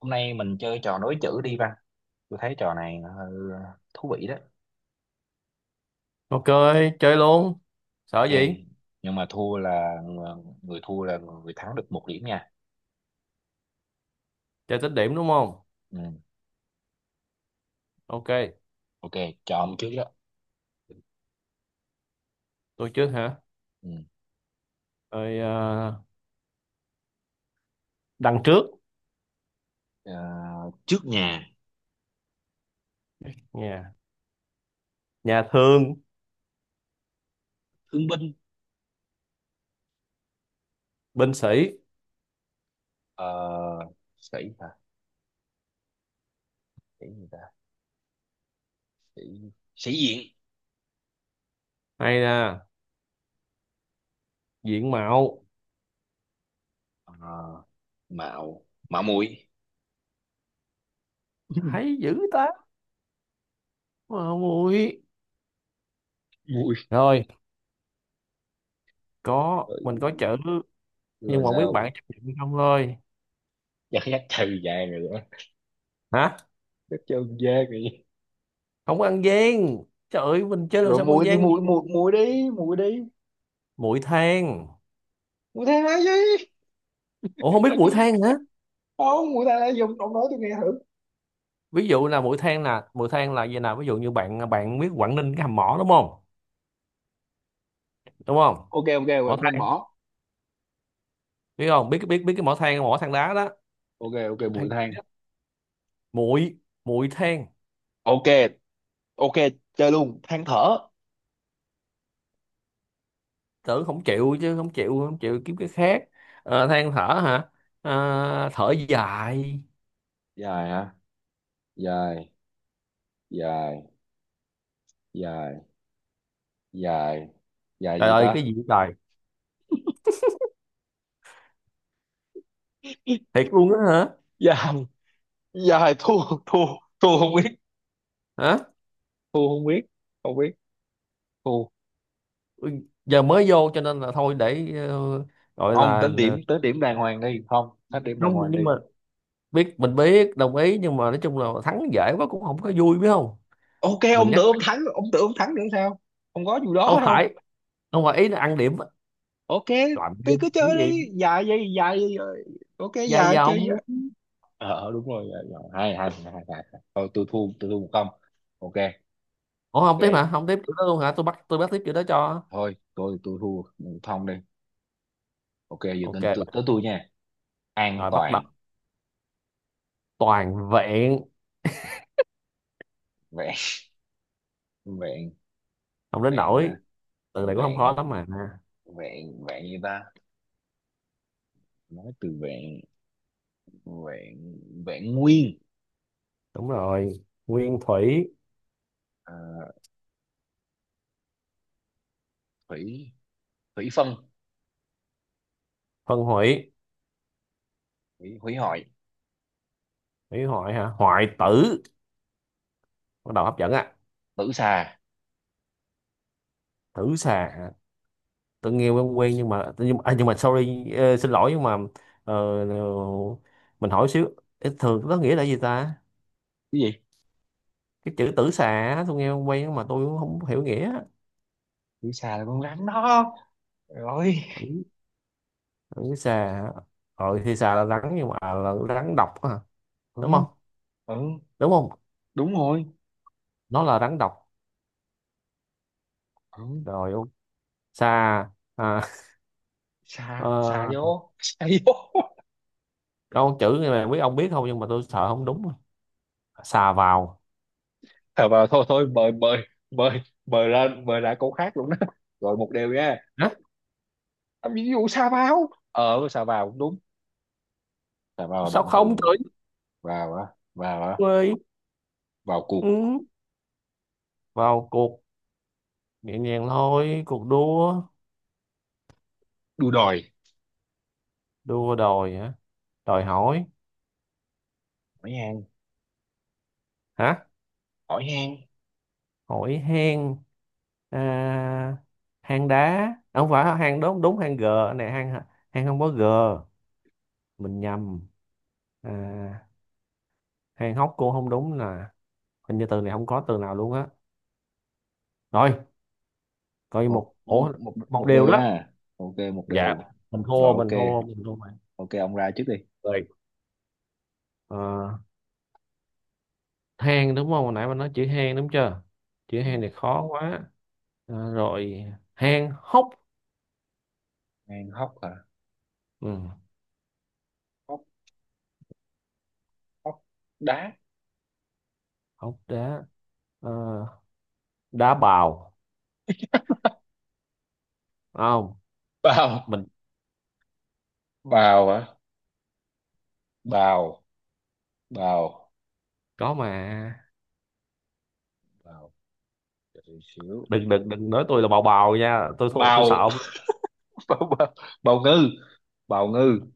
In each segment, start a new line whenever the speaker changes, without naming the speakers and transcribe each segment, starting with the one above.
Hôm nay mình chơi trò nối chữ đi Văn. Tôi thấy trò này thú vị đó.
Ok, chơi luôn. Sợ
Ok.
gì?
Nhưng mà thua là người thua là người thắng được một điểm nha.
Chơi tích điểm đúng không?
Ừ.
Ok,
Ok, chọn trước đó.
tôi trước hả?
Ừ.
Rồi à, đằng trước
Ờ, trước nhà,
nhà nhà thương,
thương binh.
binh sĩ
Ờ, sĩ hả? Sĩ gì ta? Sĩ, sĩ diện.
hay là diện mạo
Ờ, mạo, mạo muội.
hay dữ ta. Mà không ui.
Muội.
Rồi, có mình có
Ừ,
chữ nhưng
rồi
mà không biết
sao?
bạn chấp nhận hay không thôi.
Chắc chắc trừ vàng rồi đó.
Hả?
Chắc trừ vàng rồi.
Không có ăn gian. Trời ơi, mình chơi làm
Rồi
sao mà ăn
muội đi,
gian?
muội muội muội đi, muội đi.
Muội than.
Muội thế nói gì?
Ủa không biết muội than hả?
Không mũi than lá dung, ông nói tôi nghe thử.
Ví dụ là muội than là muội than là gì nào? Ví dụ như bạn bạn biết Quảng Ninh cái hầm mỏ đúng không? Đúng không?
Ok, ok, vậy
Mỏ
nên
than,
bỏ.
biết không biết biết biết cái mỏ than, mỏ than đá đó.
Ok, ok, mũi
Than,
than.
muội, muội than.
Ok, ok, chơi luôn, than thở.
Tử không chịu, chứ không chịu, không chịu kiếm cái khác. Than thở hả, thở dài.
Dài hả? Dài dài dài dài dài
Trời
gì
ơi cái
ta?
gì vậy trời. Thiệt luôn á hả?
dài Dài thua. thua Thua không biết.
Hả?
Thua không biết, không biết, thua.
Ừ, giờ mới vô cho nên là thôi để gọi
Không
là
tính điểm, tính điểm đàng hoàng đi, không tính điểm đàng
Không,
hoàng đi.
nhưng mà biết mình biết đồng ý, nhưng mà nói chung là thắng dễ quá cũng không có vui, biết không.
Ok,
Mình
ông
nhắc
tưởng ông thắng, ông tưởng ông thắng nữa sao? Không có vụ đó
không
đâu.
phải, không phải ý là ăn điểm,
Ok,
làm
tôi
cái
cứ
gì
chơi đi. Dài gì? Ok,
dài
dài chơi.
dòng.
Đúng rồi. Ờ, Hai hai hai hai hai. Thôi tôi thua, tôi thua một không. Ok.
Ủa không tiếp hả?
Ok,
Không tiếp kiểu đó luôn hả? Tôi bắt tiếp kiểu đó cho.
thôi tôi thua một không đi. Ok, giờ
Ok
tới tới
bạn.
tới tôi nha. An
Rồi bắt đọc
toàn
toàn vẹn.
vẹn. Vẹn,
Không đến
vẹn
nỗi.
à,
Từ này cũng không khó
vẹn,
lắm mà.
vẹn gì ta? Nói từ vẹn. vẹn Vẹn nguyên.
Đúng rồi. Nguyên thủy,
Ờ, thủy, thủy phân,
phân hủy,
thủy hủy hoại,
hủy hoại hả? Hoại tử. Bắt đầu hấp dẫn á.
tử xà.
Tử xà. Hả? Tôi nghe quen quen nhưng mà sorry xin lỗi nhưng mà ờ, ờ, mình hỏi xíu. Ê, thường nó nghĩa là gì ta?
Cái gì?
Cái chữ tử xà á, tôi nghe quen nhưng mà tôi cũng không hiểu nghĩa.
Tử xà là con rắn đó. Rồi.
Tử, tử xà. Hả? Ờ thì xà là rắn, nhưng mà là rắn độc hả?
Ừ.
Đúng không?
Ừ
Đúng không?
đúng rồi.
Nó là rắn độc.
Ừ.
Rồi ông, xà, à,
xà xà vô,
ờ,
xà vô.
câu chữ này mà biết, ông biết không nhưng mà tôi sợ không đúng. Xà vào.
Thôi vào thôi, thôi mời mời, mời, mời ra, mời ra câu khác luôn đó. Rồi một điều nha.
Hả?
À, ví dụ sa vào, sa vào cũng đúng. Sa vào là
Sao
động từ
không
mà.
trời
vào á Vào á,
ơi.
vào cuộc
Ừ. Vào cuộc, nhẹ nhàng thôi, cuộc đua.
đua, đòi
Đua đòi hả, đòi hỏi.
hỏi han,
Hả?
hỏi han.
Hỏi hang, à, hang đá, không phải hang. Đúng đúng, hang g, này hang, hang không có g, mình nhầm. À, hang hóc cô không đúng. Là hình như từ này không có từ nào luôn á. Rồi, coi
Một
một ổ,
Một,
một
một
điều
điều
đó.
nha. Ok, một
Dạ,
điều.
mình thua
Rồi
mình
ok.
thua mình thua mà.
Ok, ông ra trước đi.
Rồi. Ờ, than đúng không, hồi nãy mình nói chữ than đúng chưa, chữ
Ừ.
than này khó quá. Rồi than hốc.
Han hóc hả?
Ừ,
Hóc, hóc đá,
hốc đá. Ờ, đá bào. Không,
bào.
mình
Bào hả? Bào bào
có mà.
Bào. Đợi xíu.
Đừng đừng đừng nói tôi là bào bào nha, tôi sợ
Bào.
ông.
bào bào, bào ngư, bào ngư.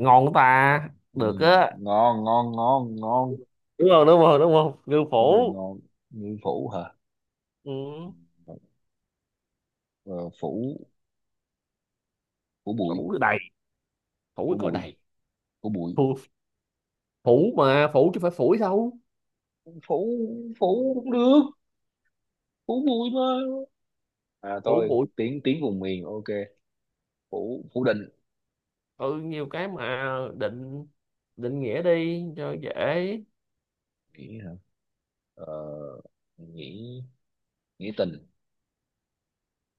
Ngon ta.
Ừ,
Được á.
ngon ngon ngon ngon.
Đúng không đúng không, ngư
Đúng rồi,
phủ.
ngon. Như phủ hả?
Ừ.
Ờ, phủ, phủ bụi
Phủ đầy, phủ
phủ
có
bụi
đầy,
phủ bụi,
phủ, phủ mà phủ chứ phải phủi đâu.
phủ, phủ cũng được, phủ bụi mà. À,
Phủ
tôi
bụi.
tiếng tiếng vùng miền. Ok, phủ, phủ định.
Ừ nhiều cái mà. Định, định nghĩa đi cho dễ.
Nghĩ hả? ờ, nghĩ, nghĩ tình.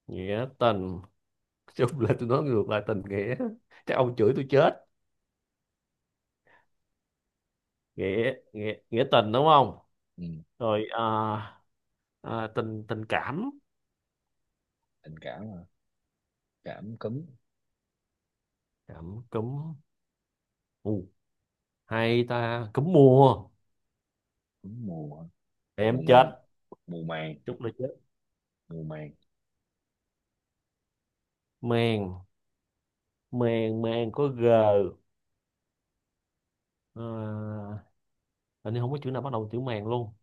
Nghĩa tình. Nói chung là tôi nói ngược lại, tình nghĩa, chắc ông chửi tôi chết. Nghĩa, nghĩa tình đúng không.
Ừ,
Rồi tình, tình cảm.
tình cảm hả? Cảm cúm,
Cảm cúm. U, hay ta, cúm mùa.
cúm mùa hả? mùa
Em
màng
chết.
mùa màng
Chúc là chết.
mùa màng,
Mèn, mèn, mèn có g, à, hình như không có chữ nào bắt đầu chữ mèn luôn,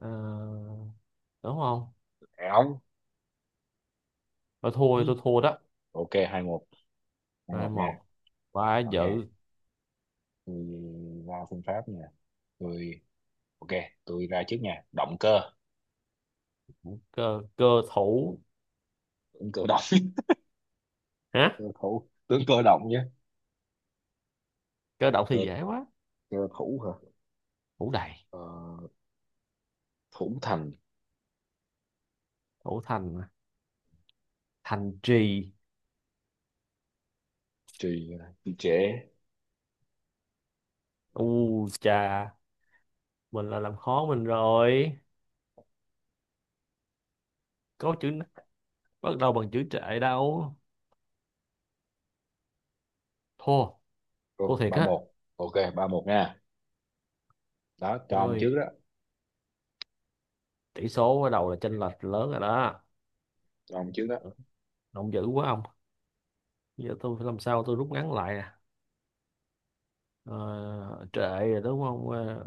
à, đúng không.
áo.
Thôi
Ừ,
thua, tôi thua đó.
ok hai một, hai
Hai
một nha.
một, quá
Ok,
dữ.
tôi ra phương pháp nha. Tôi, ok, tôi ra trước nha. Động cơ,
Cơ, cơ thủ
ứng cử động.
hả?
Cơ thủ tướng, cơ động nhé.
Cơ động
Cơ,
thì dễ quá.
cơ thủ hả?
Thủ đầy.
Ờ, thủ thành,
Thủ thành mà. Thành trì.
trì, trì trệ.
U chà, mình là làm khó mình rồi. Có chữ bắt đầu bằng chữ trệ đâu. Thua. Thua
Ồ,
thiệt á.
3-1. Ok, ba một nha. Đó, cho ông
Rồi,
trước đó.
tỷ số bắt đầu là chênh lệch lớn rồi đó.
Cho ông trước đó.
Động dữ quá ông. Giờ tôi phải làm sao, tôi rút ngắn lại nè. Ờ, trệ rồi đúng không. Ờ,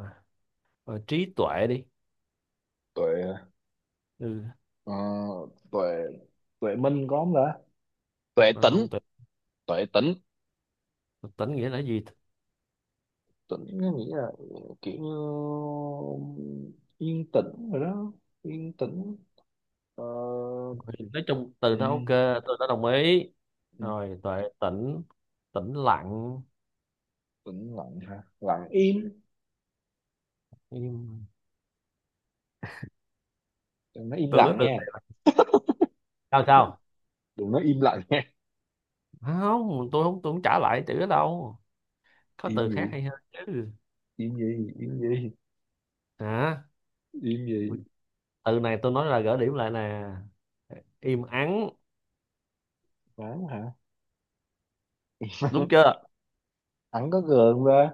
Trí tuệ đi.
Tuệ,
Ừ
ờ, tuệ, tuệ minh có không ta? Tuệ
mà
tĩnh.
không, tuệ
Tuệ tĩnh.
tỉnh nghĩa là gì?
Tĩnh nó nghĩa là kiểu như yên tĩnh rồi đó. Yên tĩnh. Ờ,
Thì nói chung từ
ừ,
đó ok, tôi đã đồng ý.
ừ,
Rồi, tuệ tĩnh, tĩnh lặng.
tĩnh lặng hả? Lặng im.
Im.
Nó im
Tôi nói
lặng
từ
nha.
này sao sao?
Đừng nói im lặng nha.
Không, tôi không trả lại chữ đó đâu. Có
Im
từ khác
gì,
hay hơn chứ.
im gì im gì
Hả?
im gì?
Từ này tôi nói là gỡ điểm lại nè. Im ắng.
Ắng hả?
Đúng chưa.
Ắng có gượng ra.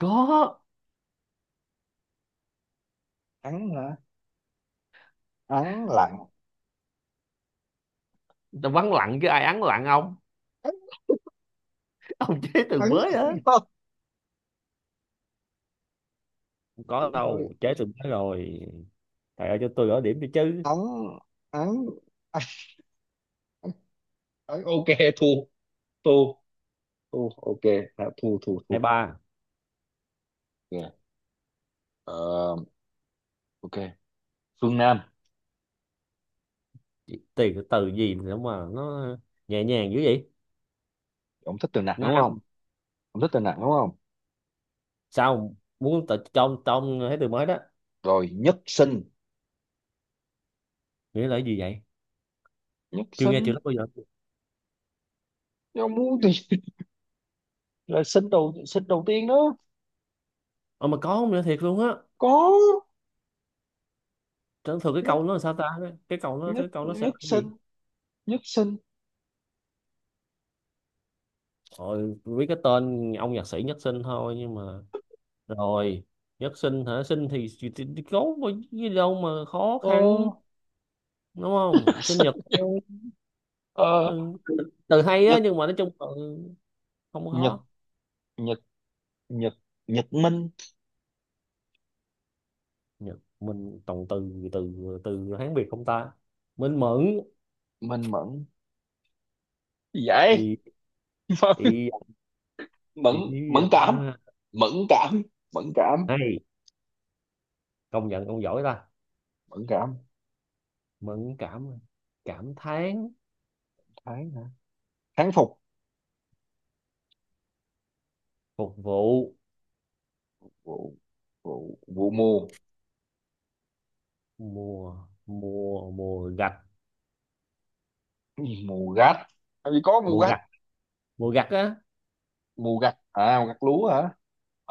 Có.
Ắng hả? Ắng lặng.
Tôi vắng lặng chứ ai ắng lặng ông.
Ắng.
Ông chế từ
ắng
mới á.
Thôi
Không có đâu, chế từ mới rồi, thầy ơi cho tôi gỡ điểm đi chứ.
ắng, ắng ắng ok, thu, thu thu ok, đã thu thu
Hai
thu.
ba.
Yeah. Ờ, ok, Phương Nam.
Chỉ tiền từ gì nữa mà nó nhẹ nhàng dữ vậy.
Ông thích từ nặng
Nó
đúng không?
ăn
Ông thích từ nặng đúng không?
sao muốn tự trong trong thấy từ mới đó.
Rồi, nhất sinh,
Nghĩa là cái gì vậy?
nhất
Chưa nghe chữ
sinh.
đó bao giờ.
Ông muốn thì là sinh đầu, sinh đầu tiên đó.
Ờ mà có không nữa, thiệt luôn á.
Có.
Chẳng thường cái
Nhất
câu nó là sao ta? cái câu nó
nhất
cái câu nó sẽ là
Nhất
cái
sinh,
gì?
nhất sinh.
Rồi biết cái tên ông nhạc sĩ Nhất Sinh thôi nhưng mà rồi. Nhất Sinh hả? Sinh thì, có gì đâu mà khó
ờ
khăn, đúng không. Sinh nhật thôi.
ờ,
Ừ. Từ hay á
Nhật,
nhưng mà nói chung là không có
Nhật
khó.
Nhật Nhật Nhật Minh.
Nhật mình, toàn từ từ từ Hán Việt không ta. Mình mẫn.
Minh Mẫn gì vậy?
Ý,
Mẫn.
ý.
Mẫn.
Thì vậy
Mẫn cảm
đó.
Mẫn cảm Mẫn cảm
Hay, công nhận ông giỏi ta.
Mẫn cảm.
Mẫn cảm. Cảm thán.
Tháng hả? Tháng phục
Phục vụ.
vụ. Vụ, mùa.
Mùa, mùa gặt.
Cái gì mùa gặt? Làm gì có mùa
Mùa
gặt?
gặt, mùa gặt á.
Mùa gặt à, mùa gặt lúa hả?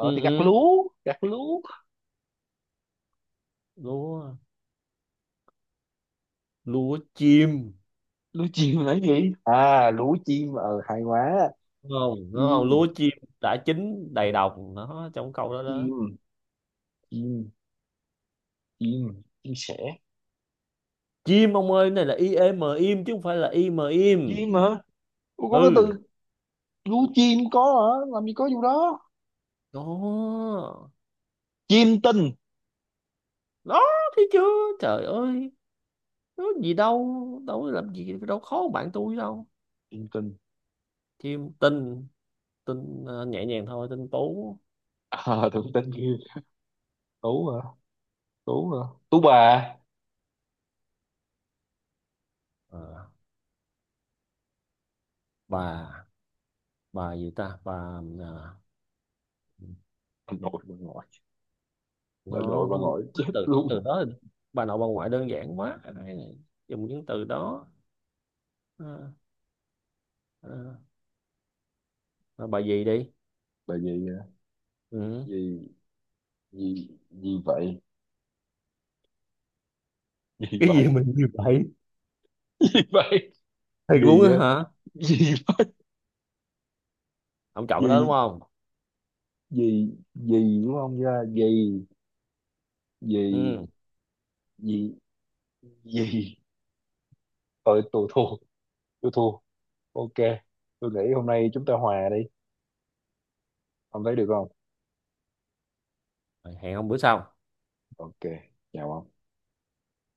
Ừ,
thì gặt
ừ.
lúa, gặt lúa.
Lúa, lúa chim.
Lúa chim là cái gì? À, lúa chim ờ hay quá.
Đúng không đúng không,
Chim,
lúa chim đã chín đầy đồng, nó trong câu đó đó.
chim chim chim chim sẻ.
Chim ông ơi, cái này là i e m im chứ không phải là i m im.
Chim hả? Ủa, có cái từ
Ừ.
lú chim có hả? Làm gì có vụ đó.
Đó
Chim tinh.
đó, thấy chưa. Trời ơi, có gì đâu, đâu có làm gì đâu khó bằng bạn tôi đâu.
Chim tinh.
Chim tinh. Tính, nhẹ nhàng thôi, tính tú.
À, tưởng tinh kia. Tú hả? Tú hả, tú bà.
Ờ, bà bà gì ta, bà, à,
Bà nội, bà ngoại. Bà
nó
nội
không
bà ngoại chết
Từ
luôn.
từ đó thì bà nội bà ngoại đơn giản quá. Đây này, dùng những từ đó. Ờ, ờ, Rồi bà gì đi.
Bà gì à?
Ừ.
Gì, gì vậy, gì
Cái gì
vậy.
mình như vậy.
Gì vậy,
Thiệt luôn
gì
á
á,
hả.
gì,
Ông chọn cái đó đúng
gì,
không.
gì gì đúng không, ra gì gì
Ừ.
gì gì. Tôi thua, tôi thua. Ok, tôi nghĩ hôm nay chúng ta hòa đi. Ông thấy được không?
Rồi, hẹn ông bữa sau.
Ok, chào ông.